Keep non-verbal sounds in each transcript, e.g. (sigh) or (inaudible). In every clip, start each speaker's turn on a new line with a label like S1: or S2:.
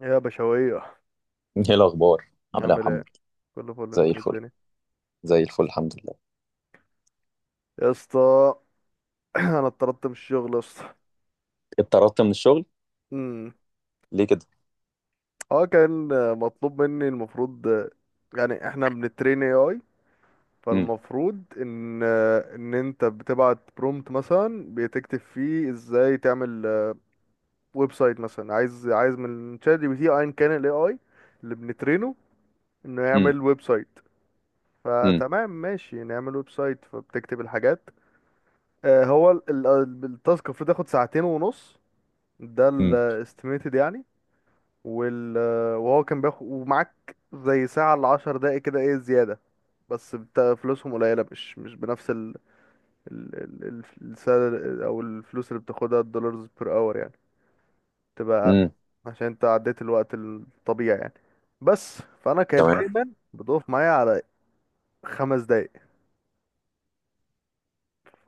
S1: يا بشوية،
S2: ايه الاخبار؟ عامل ايه يا
S1: عامل ايه،
S2: محمد؟
S1: كله فل،
S2: زي
S1: انت إيه
S2: الفل،
S1: الدنيا
S2: زي الفل الحمد لله.
S1: يا اسطى؟ (clears throat) انا اتطردت من الشغل يا اسطى.
S2: اتطردت من الشغل
S1: امم.
S2: ليه كده؟
S1: اه، كان مطلوب مني، المفروض يعني احنا بنترين اي اي،
S2: امم.
S1: فالمفروض ان انت بتبعت برومت مثلا بتكتب فيه ازاي تعمل ويب سايت، مثلا عايز من شات جي بي تي ايا كان الاي اي اللي بنترينه انه
S2: امم.
S1: يعمل ويب سايت.
S2: امم.
S1: فتمام، ماشي، نعمل ويب سايت، فبتكتب الحاجات. هو التاسك المفروض ياخد ساعتين ونص، ده
S2: امم.
S1: الاستيميتد يعني. وال آه، وهو كان بياخد ومعاك زي ساعة لعشر دقايق كده، ايه زيادة. بس فلوسهم قليلة، مش بنفس ال ال السالري او الفلوس اللي بتاخدها، الدولارز بير اور يعني تبقى اقل،
S2: امم.
S1: عشان انت عديت الوقت الطبيعي يعني. بس فانا كانت
S2: تمام.
S1: دايما بتقف معايا على 5 دقايق،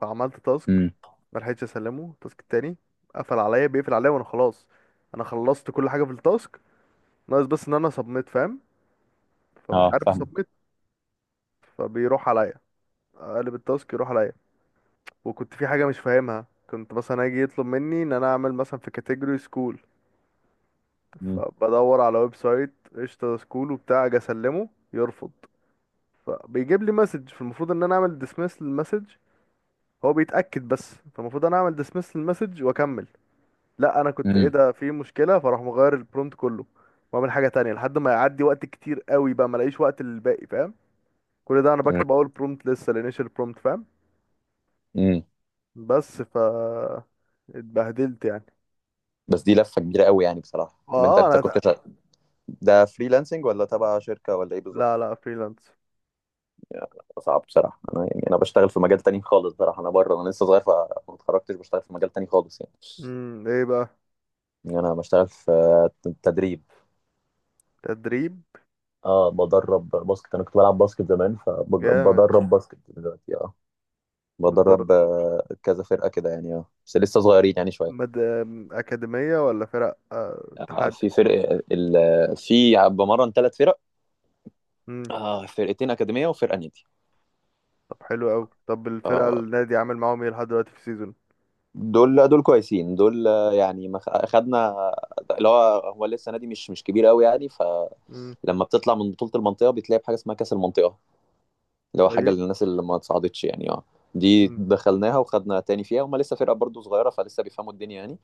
S1: فعملت تاسك،
S2: امم.
S1: ملحقتش اسلمه التاسك التاني، قفل عليا، بيقفل عليا وانا خلاص انا خلصت كل حاجه في التاسك، ناقص بس ان انا سبميت فاهم، فمش
S2: اه،
S1: عارف
S2: فاهمك.
S1: اسبميت، فبيروح عليا، اقلب التاسك يروح عليا. وكنت في حاجه مش فاهمها، كنت مثلا اجي يطلب مني ان انا اعمل مثلا في كاتيجوري سكول،
S2: امم.
S1: فبدور على ويب سايت قشطه سكول وبتاع، اجي اسلمه يرفض، فبيجيب لي مسج، فالمفروض ان انا اعمل ديسمس للمسج، هو بيتاكد بس، فالمفروض انا اعمل ديسمس للمسج واكمل. لا، انا كنت ايه
S2: امم.
S1: ده، في مشكله، فراح مغير البرومت كله، واعمل حاجه تانية لحد ما يعدي وقت كتير قوي، بقى ما الاقيش وقت للباقي، فاهم؟ كل ده انا بكتب اول برومت لسه، الانيشال برومت، فاهم؟
S2: امم.
S1: بس ف اتبهدلت يعني.
S2: بس دي لفه كبيره قوي يعني، بصراحه. طب انت
S1: اه،
S2: انت كنت شغ... ده فريلانسنج ولا تبع شركه ولا ايه
S1: لا
S2: بالظبط؟
S1: لا، فريلانس.
S2: يعني صعب بصراحه، انا يعني انا بشتغل في مجال تاني خالص، بصراحه. انا بره، انا لسه صغير، فما اتخرجتش، بشتغل في مجال تاني خالص يعني.
S1: ايه بقى؟
S2: يعني انا بشتغل في تدريب.
S1: تدريب.
S2: اه، بدرب باسكت، انا كنت بلعب باسكت زمان،
S1: جامد.
S2: فبدرب باسكت دلوقتي. اه، بدرب
S1: بالدرجه؟
S2: كذا فرقه كده يعني، اه بس لسه صغيرين يعني شويه.
S1: مد... اكاديميه ولا فرق
S2: آه،
S1: اتحاد؟
S2: في فرق ال... في بمرن ثلاث فرق.
S1: امم.
S2: فرقتين اكاديميه وفرقه نادي.
S1: طب حلو قوي، طب الفرقه
S2: اه،
S1: النادي عامل معاهم ايه لحد دلوقتي في السيزون؟
S2: دول كويسين دول، يعني ما خ- خدنا اللي هو هو لسه نادي مش كبير قوي يعني،
S1: امم.
S2: فلما بتطلع من بطوله المنطقه بتلاقي بحاجه اسمها كاس المنطقه، اللي هو حاجه
S1: طيب.
S2: للناس اللي ما اتصعدتش يعني. اه، دي
S1: امم.
S2: دخلناها وخدنا تاني فيها. هما لسه فرقه برضو صغيره، فلسه بيفهموا الدنيا يعني.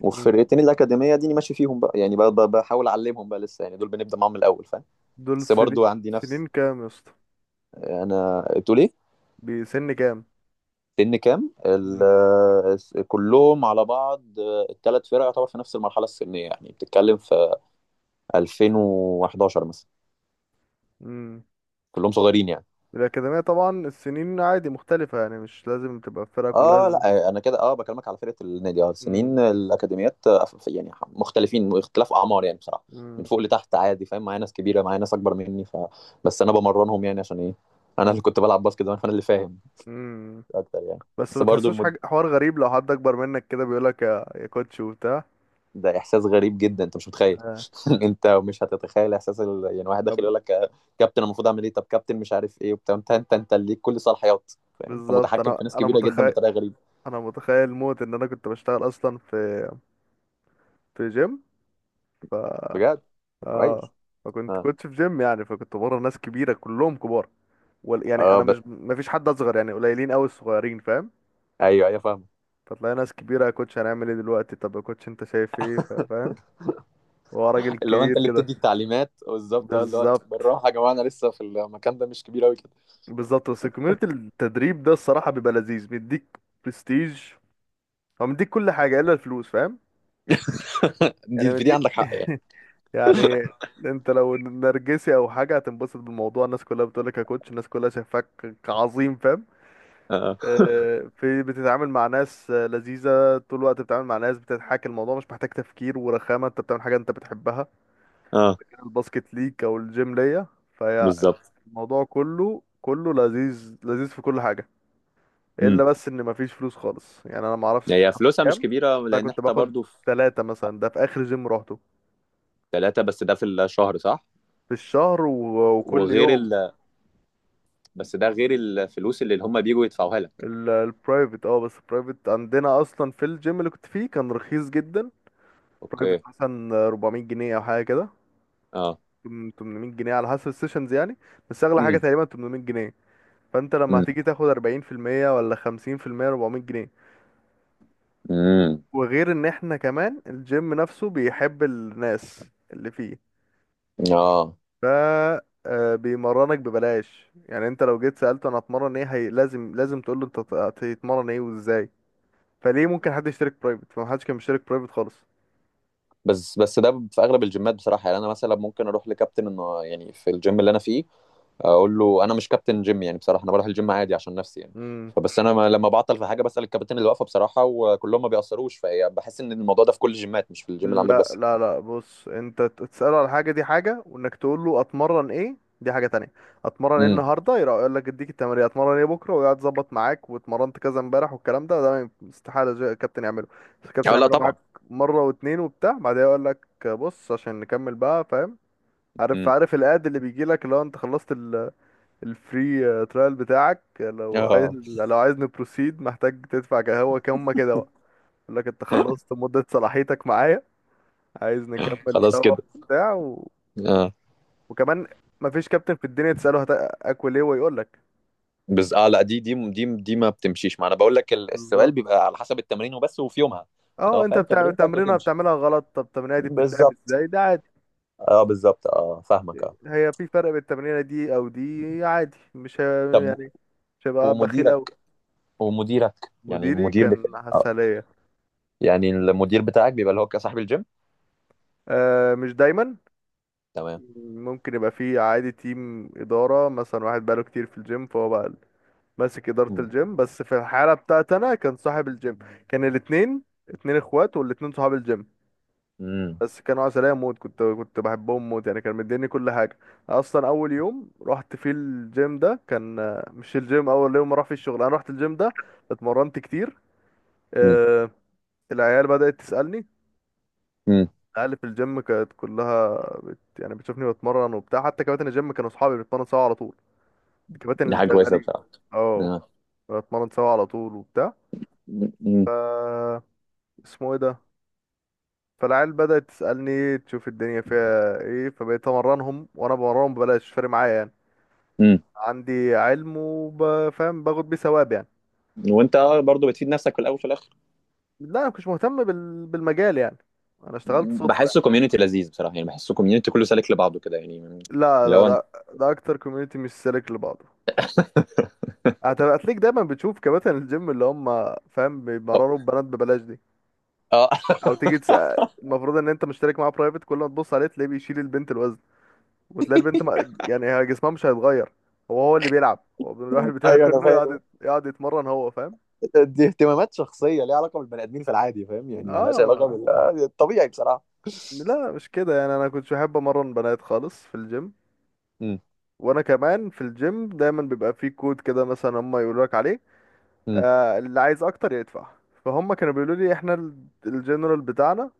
S2: والفرقتين الاكاديميه دي أنا ماشي فيهم بقى يعني، بحاول اعلمهم بقى، لسه يعني، دول بنبدا معاهم من الاول فاهم.
S1: دول
S2: بس
S1: سنين.
S2: برضو عندي نفس.
S1: سنين كام يا اسطى؟
S2: انا تقول ايه؟
S1: بسن كام؟
S2: سن كام
S1: مم.
S2: كلهم على بعض؟ الثلاث فرق يعتبر في نفس المرحله السنيه يعني، بتتكلم في 2011 مثلا.
S1: مم.
S2: كلهم صغيرين يعني.
S1: الأكاديمية طبعا السنين عادي مختلفة، يعني مش لازم تبقى الفرقة كلها
S2: اه لا، انا كده اه بكلمك على فرقه النادي. اه،
S1: مم.
S2: سنين الاكاديميات يعني مختلفين، اختلاف اعمار يعني بصراحه، من
S1: مم.
S2: فوق لتحت عادي. فاهم؟ معايا ناس كبيره، معايا ناس اكبر مني. ف بس انا بمرنهم يعني، عشان ايه؟ انا اللي كنت بلعب باسكت زمان، فانا اللي فاهم
S1: مم.
S2: اكتر يعني.
S1: بس
S2: بس
S1: ما
S2: برضو
S1: تحسوش
S2: المد...
S1: حاجة حوار غريب لو حد أكبر منك كده بيقولك يا كوتش وبتاع؟
S2: ده احساس غريب جدا، انت مش متخيل.
S1: آه.
S2: (laughs) انت مش هتتخيل احساس يعني، واحد
S1: ده
S2: داخل
S1: ب-
S2: يقول لك كابتن، المفروض اعمل ايه؟ طب كابتن، مش عارف ايه، وبتاع. انت اللي ليك كل صلاحيات فاهم، انت
S1: بالظبط،
S2: متحكم
S1: أنا
S2: في ناس
S1: أنا
S2: كبيره جدا
S1: متخيل،
S2: بطريقه غريبه.
S1: أنا متخيل موت إن أنا كنت بشتغل أصلا في في جيم.
S2: بجد. طب
S1: اه،
S2: كويس.
S1: فكنت
S2: اه.
S1: كنت في جيم يعني، فكنت بره ناس كبيره كلهم كبار، وال... يعني
S2: اه
S1: انا
S2: ب...
S1: مش ما فيش حد اصغر يعني، قليلين قوي الصغيرين، فاهم؟
S2: ايوه ايوه، فاهم.
S1: فتلاقي ناس كبيره، يا كوتش هنعمل ايه دلوقتي، طب يا كوتش انت شايف ايه، فاهم؟ هو راجل
S2: اللي هو انت
S1: كبير
S2: اللي
S1: كده.
S2: بتدي التعليمات بالظبط. اه، اللي هو
S1: بالظبط
S2: بالراحه يا جماعه، انا لسه في المكان ده مش كبير قوي كده.
S1: بالظبط، بس كوميونتي التدريب ده الصراحه بيبقى لذيذ، بيديك برستيج، هو مديك كل حاجه الا الفلوس فاهم؟
S2: (laughs) دي
S1: يعني
S2: في دي
S1: مديك
S2: عندك حق يعني.
S1: يعني،
S2: (laughs)
S1: انت لو نرجسي او حاجه هتنبسط بالموضوع، الناس كلها بتقولك يا كوتش، الناس كلها شايفاك عظيم فاهم؟
S2: اه.
S1: في بتتعامل مع ناس لذيذة طول الوقت، بتتعامل مع ناس بتضحك، الموضوع مش محتاج تفكير ورخامة، انت بتعمل حاجة انت بتحبها،
S2: اه،
S1: كان الباسكت ليك او الجيم ليا. فهي
S2: بالظبط.
S1: الموضوع كله كله لذيذ لذيذ في كل حاجة، الا
S2: امم.
S1: بس ان مفيش فلوس خالص يعني. انا معرفش انت
S2: هي
S1: بتاخد
S2: فلوسها مش
S1: كام. بس
S2: كبيره،
S1: انا
S2: لان
S1: كنت
S2: احنا
S1: باخد
S2: برضو في
S1: ثلاثة مثلا، ده في اخر جيم روحته،
S2: ثلاثه بس. ده في الشهر صح؟
S1: في الشهر، و... وكل
S2: وغير
S1: يوم.
S2: ال... بس ده غير الفلوس اللي هم بيجوا يدفعوها لك.
S1: البرايفت، اه بس البرايفت عندنا اصلا في الجيم اللي كنت فيه كان رخيص جدا. برايفت
S2: اوكي.
S1: مثلا 400 جنيه او حاجة كده،
S2: اه.
S1: 800 جنيه على حسب السيشنز يعني، بس اغلى حاجه
S2: امم.
S1: تقريبا 800 جنيه. فانت لما
S2: امم.
S1: هتيجي تاخد 40% ولا 50%، 400 جنيه.
S2: امم.
S1: وغير ان احنا كمان الجيم نفسه بيحب الناس اللي فيه،
S2: اه،
S1: ف بيمرنك ببلاش يعني. انت لو جيت سالته انا هتمرن ايه، هي لازم تقول له انت هتتمرن ايه وازاي، فليه ممكن حد يشترك برايفت، فمحدش كان بيشترك برايفت خالص.
S2: بس ده في اغلب الجيمات بصراحه يعني، انا مثلا ممكن اروح لكابتن انه يعني في الجيم اللي انا فيه، اقول له. انا مش كابتن جيم يعني بصراحه، انا بروح الجيم عادي عشان نفسي يعني.
S1: امم
S2: فبس انا لما بعطل في حاجه بسال الكابتن اللي واقفه بصراحه، وكلهم ما بيأثروش. فهي بحس ان الموضوع ده في كل الجيمات، مش في الجيم اللي عندك
S1: لا
S2: بس.
S1: لا لا، بص، انت تسأله على حاجة دي حاجة، وانك تقول له اتمرن ايه دي حاجة تانية. اتمرن ايه
S2: امم.
S1: النهاردة، يروح يقول لك اديك التمرين اتمرن ايه بكرة ويقعد يظبط معاك، واتمرنت كذا امبارح والكلام ده، ما ينف- استحالة الكابتن يعمله، الكابتن
S2: اه، لا
S1: يعمله معاك
S2: طبعا.
S1: مرة واتنين وبتاع، بعدها يقول لك بص عشان نكمل بقى، فاهم؟ عارف،
S2: امم.
S1: عارف الاد اللي بيجي لك لو انت خلصت الفري ترايل بتاعك، لو عايز،
S2: اه.
S1: لو عايز نبروسيد محتاج تدفع هو كام كده بقى، يقول لك انت خلصت مدة صلاحيتك معايا، عايز نكمل
S2: خلاص
S1: سوا
S2: كده.
S1: بتاع و...
S2: اه.
S1: وكمان مفيش كابتن في الدنيا تسأله اكل ايه ويقول لك.
S2: بس اه لا، دي ما بتمشيش. ما انا بقول لك السؤال
S1: بالظبط.
S2: بيبقى على حسب التمرين وبس، وفي يومها.
S1: اه،
S2: لو
S1: انت
S2: فاهم
S1: بتاع
S2: تمرينتك
S1: تمرينه
S2: وتمشي.
S1: بتعملها غلط طب التمرينه دي بتتلعب
S2: بالظبط.
S1: ازاي، ده عادي.
S2: اه، بالظبط، اه، فاهمك، اه.
S1: هي في فرق بين التمرينه دي او دي عادي، مش ه...
S2: طب.
S1: يعني مش هبقى بخيل
S2: ومديرك
S1: قوي.
S2: ومديرك يعني،
S1: مديري
S2: المدير بتاعك
S1: كان
S2: آه.
S1: عسلية.
S2: يعني المدير بتاعك بيبقى اللي هو صاحب الجيم.
S1: آه مش دايما،
S2: تمام.
S1: ممكن يبقى فيه عادي تيم إدارة، مثلا واحد بقاله كتير في الجيم فهو بقى ماسك إدارة
S2: مم.
S1: الجيم، بس في الحالة بتاعت أنا كان صاحب الجيم. كان الاتنين، اتنين اخوات والاتنين صحاب الجيم،
S2: مم.
S1: بس كانوا عسلية موت. كنت بحبهم موت يعني، كان مديني كل حاجة. أصلا أول يوم رحت فيه الجيم ده كان، مش الجيم، أول يوم راح فيه الشغل أنا رحت الجيم ده، اتمرنت كتير.
S2: مم.
S1: آه، العيال بدأت تسألني،
S2: مم.
S1: العيال في الجيم كانت كلها يعني بتشوفني بتمرن وبتاع، حتى كباتن الجيم كانوا صحابي، بنتمرن سوا على طول، الكباتن
S2: دي
S1: اللي
S2: حاجة كويسة
S1: شغالين.
S2: بصراحة.
S1: اه،
S2: آه.
S1: بنتمرن سوا على طول
S2: مم. مم.
S1: وبتاع، اسمه ايه ده، فالعيال بدأت تسألني تشوف الدنيا فيها ايه، فبقيت امرنهم، وانا بمرنهم ببلاش مش فارق معايا يعني،
S2: مم.
S1: عندي علم وبفهم باخد بيه ثواب يعني.
S2: وانت برضو بتفيد نفسك في الاول وفي الاخر.
S1: لا، انا مش مهتم بالمجال يعني، انا اشتغلت
S2: مم.
S1: صدفة
S2: بحسه
S1: يعني.
S2: كوميونتي لذيذ بصراحة يعني، بحسه كوميونتي كله سالك لبعضه كده يعني.
S1: لا
S2: اللي
S1: لا،
S2: هو انت-
S1: ده اكتر كوميونتي مش سالك لبعضه. هتلاقيك دايما بتشوف كباتن الجيم اللي هم فاهم
S2: اه.
S1: بيمرروا البنات ببلاش دي،
S2: آه.
S1: او تيجي تسأل، المفروض ان انت مشترك معاه برايفت، كل ما تبص عليه تلاقيه بيشيل البنت الوزن، وتلاقي البنت ما يعني هي جسمها مش هيتغير، هو، هو اللي بيلعب، هو بيروح
S2: (laughs)
S1: البتاع
S2: ايوه انا
S1: كله
S2: فاهم.
S1: يقعد، يقعد يتمرن هو فاهم.
S2: دي اهتمامات شخصيه ليها علاقه بالبني ادمين في العادي، فاهم يعني، مالهاش علاقه
S1: اه
S2: بالطبيعي بصراحه.
S1: لا مش كده يعني، انا كنتش بحب امرن بنات خالص في الجيم.
S2: مم.
S1: وانا كمان في الجيم دايما بيبقى في كود كده، مثلا هم يقولوا لك عليه،
S2: مم.
S1: اللي عايز اكتر يدفع. فهم كانوا بيقولوا لي احنا الجنرال بتاعنا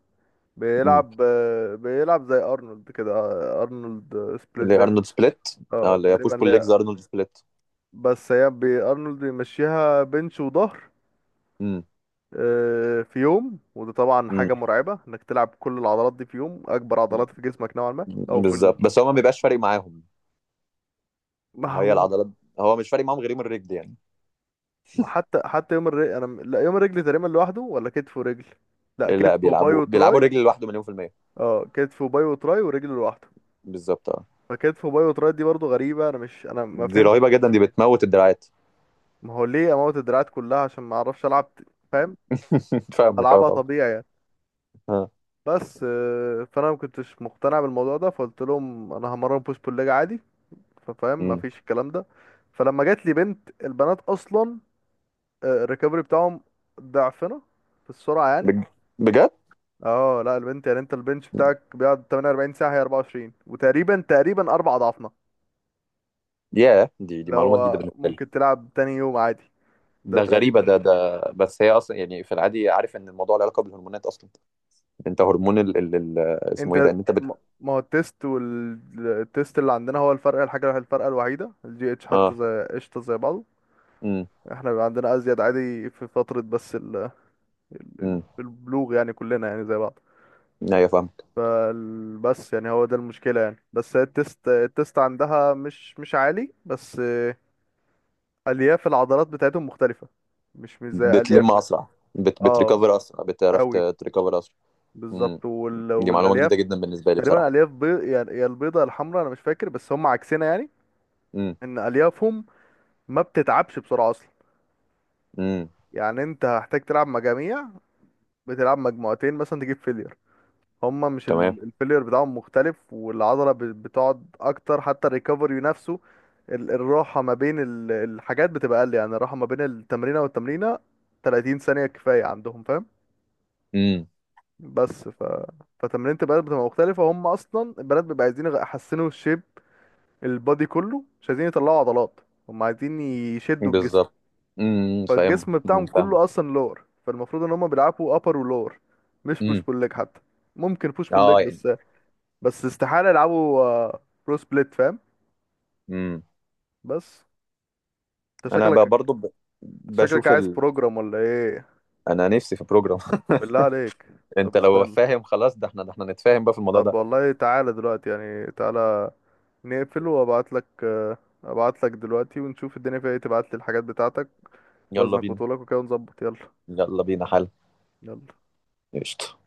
S2: مم.
S1: بيلعب زي ارنولد كده، ارنولد سبليت
S2: اللي هي
S1: بين،
S2: ارنولد سبليت. اه،
S1: اه
S2: اللي هي
S1: تقريبا،
S2: بوش بول ليجز،
S1: لا،
S2: ارنولد سبليت.
S1: بس هي ارنولد بيمشيها بنش وظهر
S2: مم.
S1: في يوم. وده طبعا
S2: مم.
S1: حاجة مرعبة انك تلعب كل العضلات دي في يوم، اكبر عضلات في جسمك نوعا ما، او في
S2: بالظبط،
S1: ال
S2: بس هو ما
S1: (laughs) أو في
S2: بيبقاش فارق
S1: البودي.
S2: معاهم.
S1: ما
S2: هي
S1: هو،
S2: العضلات. هو مش فارق معاهم غير يوم الرجل يعني.
S1: ما حتى يوم الرجل انا لا، يوم الرجل تقريبا لوحده، ولا كتف ورجل، لا
S2: لا،
S1: كتف وباي
S2: بيلعبوا بيلعبوا
S1: وتراي.
S2: الرجل لوحده مليون في المية.
S1: اه، كتف وباي وتراي ورجل لوحده.
S2: بالظبط، اه.
S1: فكتف وباي وتراي دي برضو غريبة، انا ما
S2: دي
S1: فهمت.
S2: رهيبة جدا، دي بتموت الدراعات.
S1: ما هو ليه اموت الدراعات كلها، عشان ما اعرفش العب فاهم؟
S2: (laughs)
S1: طب ما
S2: فاهمك، اه
S1: العبها
S2: طبعا.
S1: طبيعي يعني.
S2: اه.
S1: بس فانا ما كنتش مقتنع بالموضوع ده، فقلت لهم انا همرن بوش بول ليج عادي، فاهم؟
S2: أمم.
S1: مفيش الكلام ده. فلما جات لي بنت، البنات اصلا الريكفري بتاعهم ضعفنا في السرعه يعني.
S2: بج- بجد.
S1: اه، لا البنت يعني، انت البنش بتاعك بيقعد 48 ساعه، هي 24، وتقريبا 4 اضعافنا،
S2: ياه، دي دي
S1: اللي
S2: معلومة جديدة
S1: هو
S2: بالنسبة لي.
S1: ممكن تلعب تاني يوم عادي ده
S2: ده غريبة.
S1: تقريبا.
S2: ده بس هي اصلا يعني في العادي، عارف ان الموضوع له علاقة بالهرمونات اصلا. انت هرمون اسمه ايه
S1: انت
S2: ده؟
S1: م- ما هو التيست، والتيست اللي عندنا هو الفرق، الحاجه، الفرقه الوحيده، الجي اتش حتى
S2: اه.
S1: زي قشطه زي بعضه.
S2: امم.
S1: احنا بيبقى عندنا ازيد عادي في فتره، بس
S2: امم.
S1: البلوغ يعني كلنا يعني زي بعض.
S2: ايوه، فاهمك.
S1: بس يعني هو ده المشكلة يعني، بس هي التست عندها مش عالي، بس ألياف العضلات بتاعتهم مختلفة، مش زي
S2: بتلم
S1: أليافنا.
S2: اسرع.
S1: اه
S2: بتريكفر اسرع، بتعرف
S1: قوي.
S2: تريكفر اسرع. امم.
S1: بالظبط، وال...
S2: دي معلومة
S1: والألياف
S2: جديدة جدا بالنسبة لي
S1: تقريبا
S2: بصراحة.
S1: ألياف بيض يعني، يا البيضة يا الحمراء، أنا مش فاكر، بس هم عكسنا يعني،
S2: امم.
S1: إن أليافهم ما بتتعبش بسرعة أصلا،
S2: امم.
S1: يعني أنت هحتاج تلعب مجاميع، بتلعب مجموعتين مثلا تجيب فيلير. هما مش
S2: تمام.
S1: الفيلير بتاعهم مختلف، والعضلة بتقعد اكتر، حتى الريكفري نفسه الراحة ما بين الحاجات بتبقى اقل، يعني الراحة ما بين التمرينة والتمرينة 30 ثانية كفاية عندهم فاهم؟
S2: امم.
S1: بس ف فتمرينة البنات بتبقى مختلفة، هم اصلا البنات بيبقى عايزين يحسنوا الشيب، البادي كله مش عايزين يطلعوا عضلات، هم عايزين يشدوا الجسم،
S2: بالظبط. امم، فاهم.
S1: فالجسم
S2: امم،
S1: بتاعهم
S2: فاهم.
S1: كله اصلا لور، فالمفروض ان هم بيلعبوا ابر ولور، مش بوش
S2: امم.
S1: بول ليج حتى، ممكن بوش بول ليج
S2: اه يعني.
S1: بس، بس استحالة يلعبوا برو سبليت فاهم؟
S2: امم.
S1: بس انت
S2: انا
S1: شكلك
S2: ب- برضو ب...
S1: شكلك
S2: بشوف
S1: عايز
S2: ال...
S1: بروجرام ولا ايه؟
S2: انا نفسي في بروجرام.
S1: بالله عليك.
S2: (laughs)
S1: طب
S2: انت لو
S1: استنى،
S2: فاهم خلاص، ده احنا، ده احنا نتفاهم بقى في الموضوع
S1: طب
S2: ده.
S1: والله تعالى دلوقتي يعني، تعالى نقفل، وابعت لك ابعت لك دلوقتي ونشوف الدنيا فيها ايه، تبعت لي الحاجات بتاعتك
S2: يلا
S1: وزنك
S2: بينا.
S1: وطولك وكده ونظبط، يلا
S2: يلا بينا، حل.
S1: يلا.
S2: قشطة.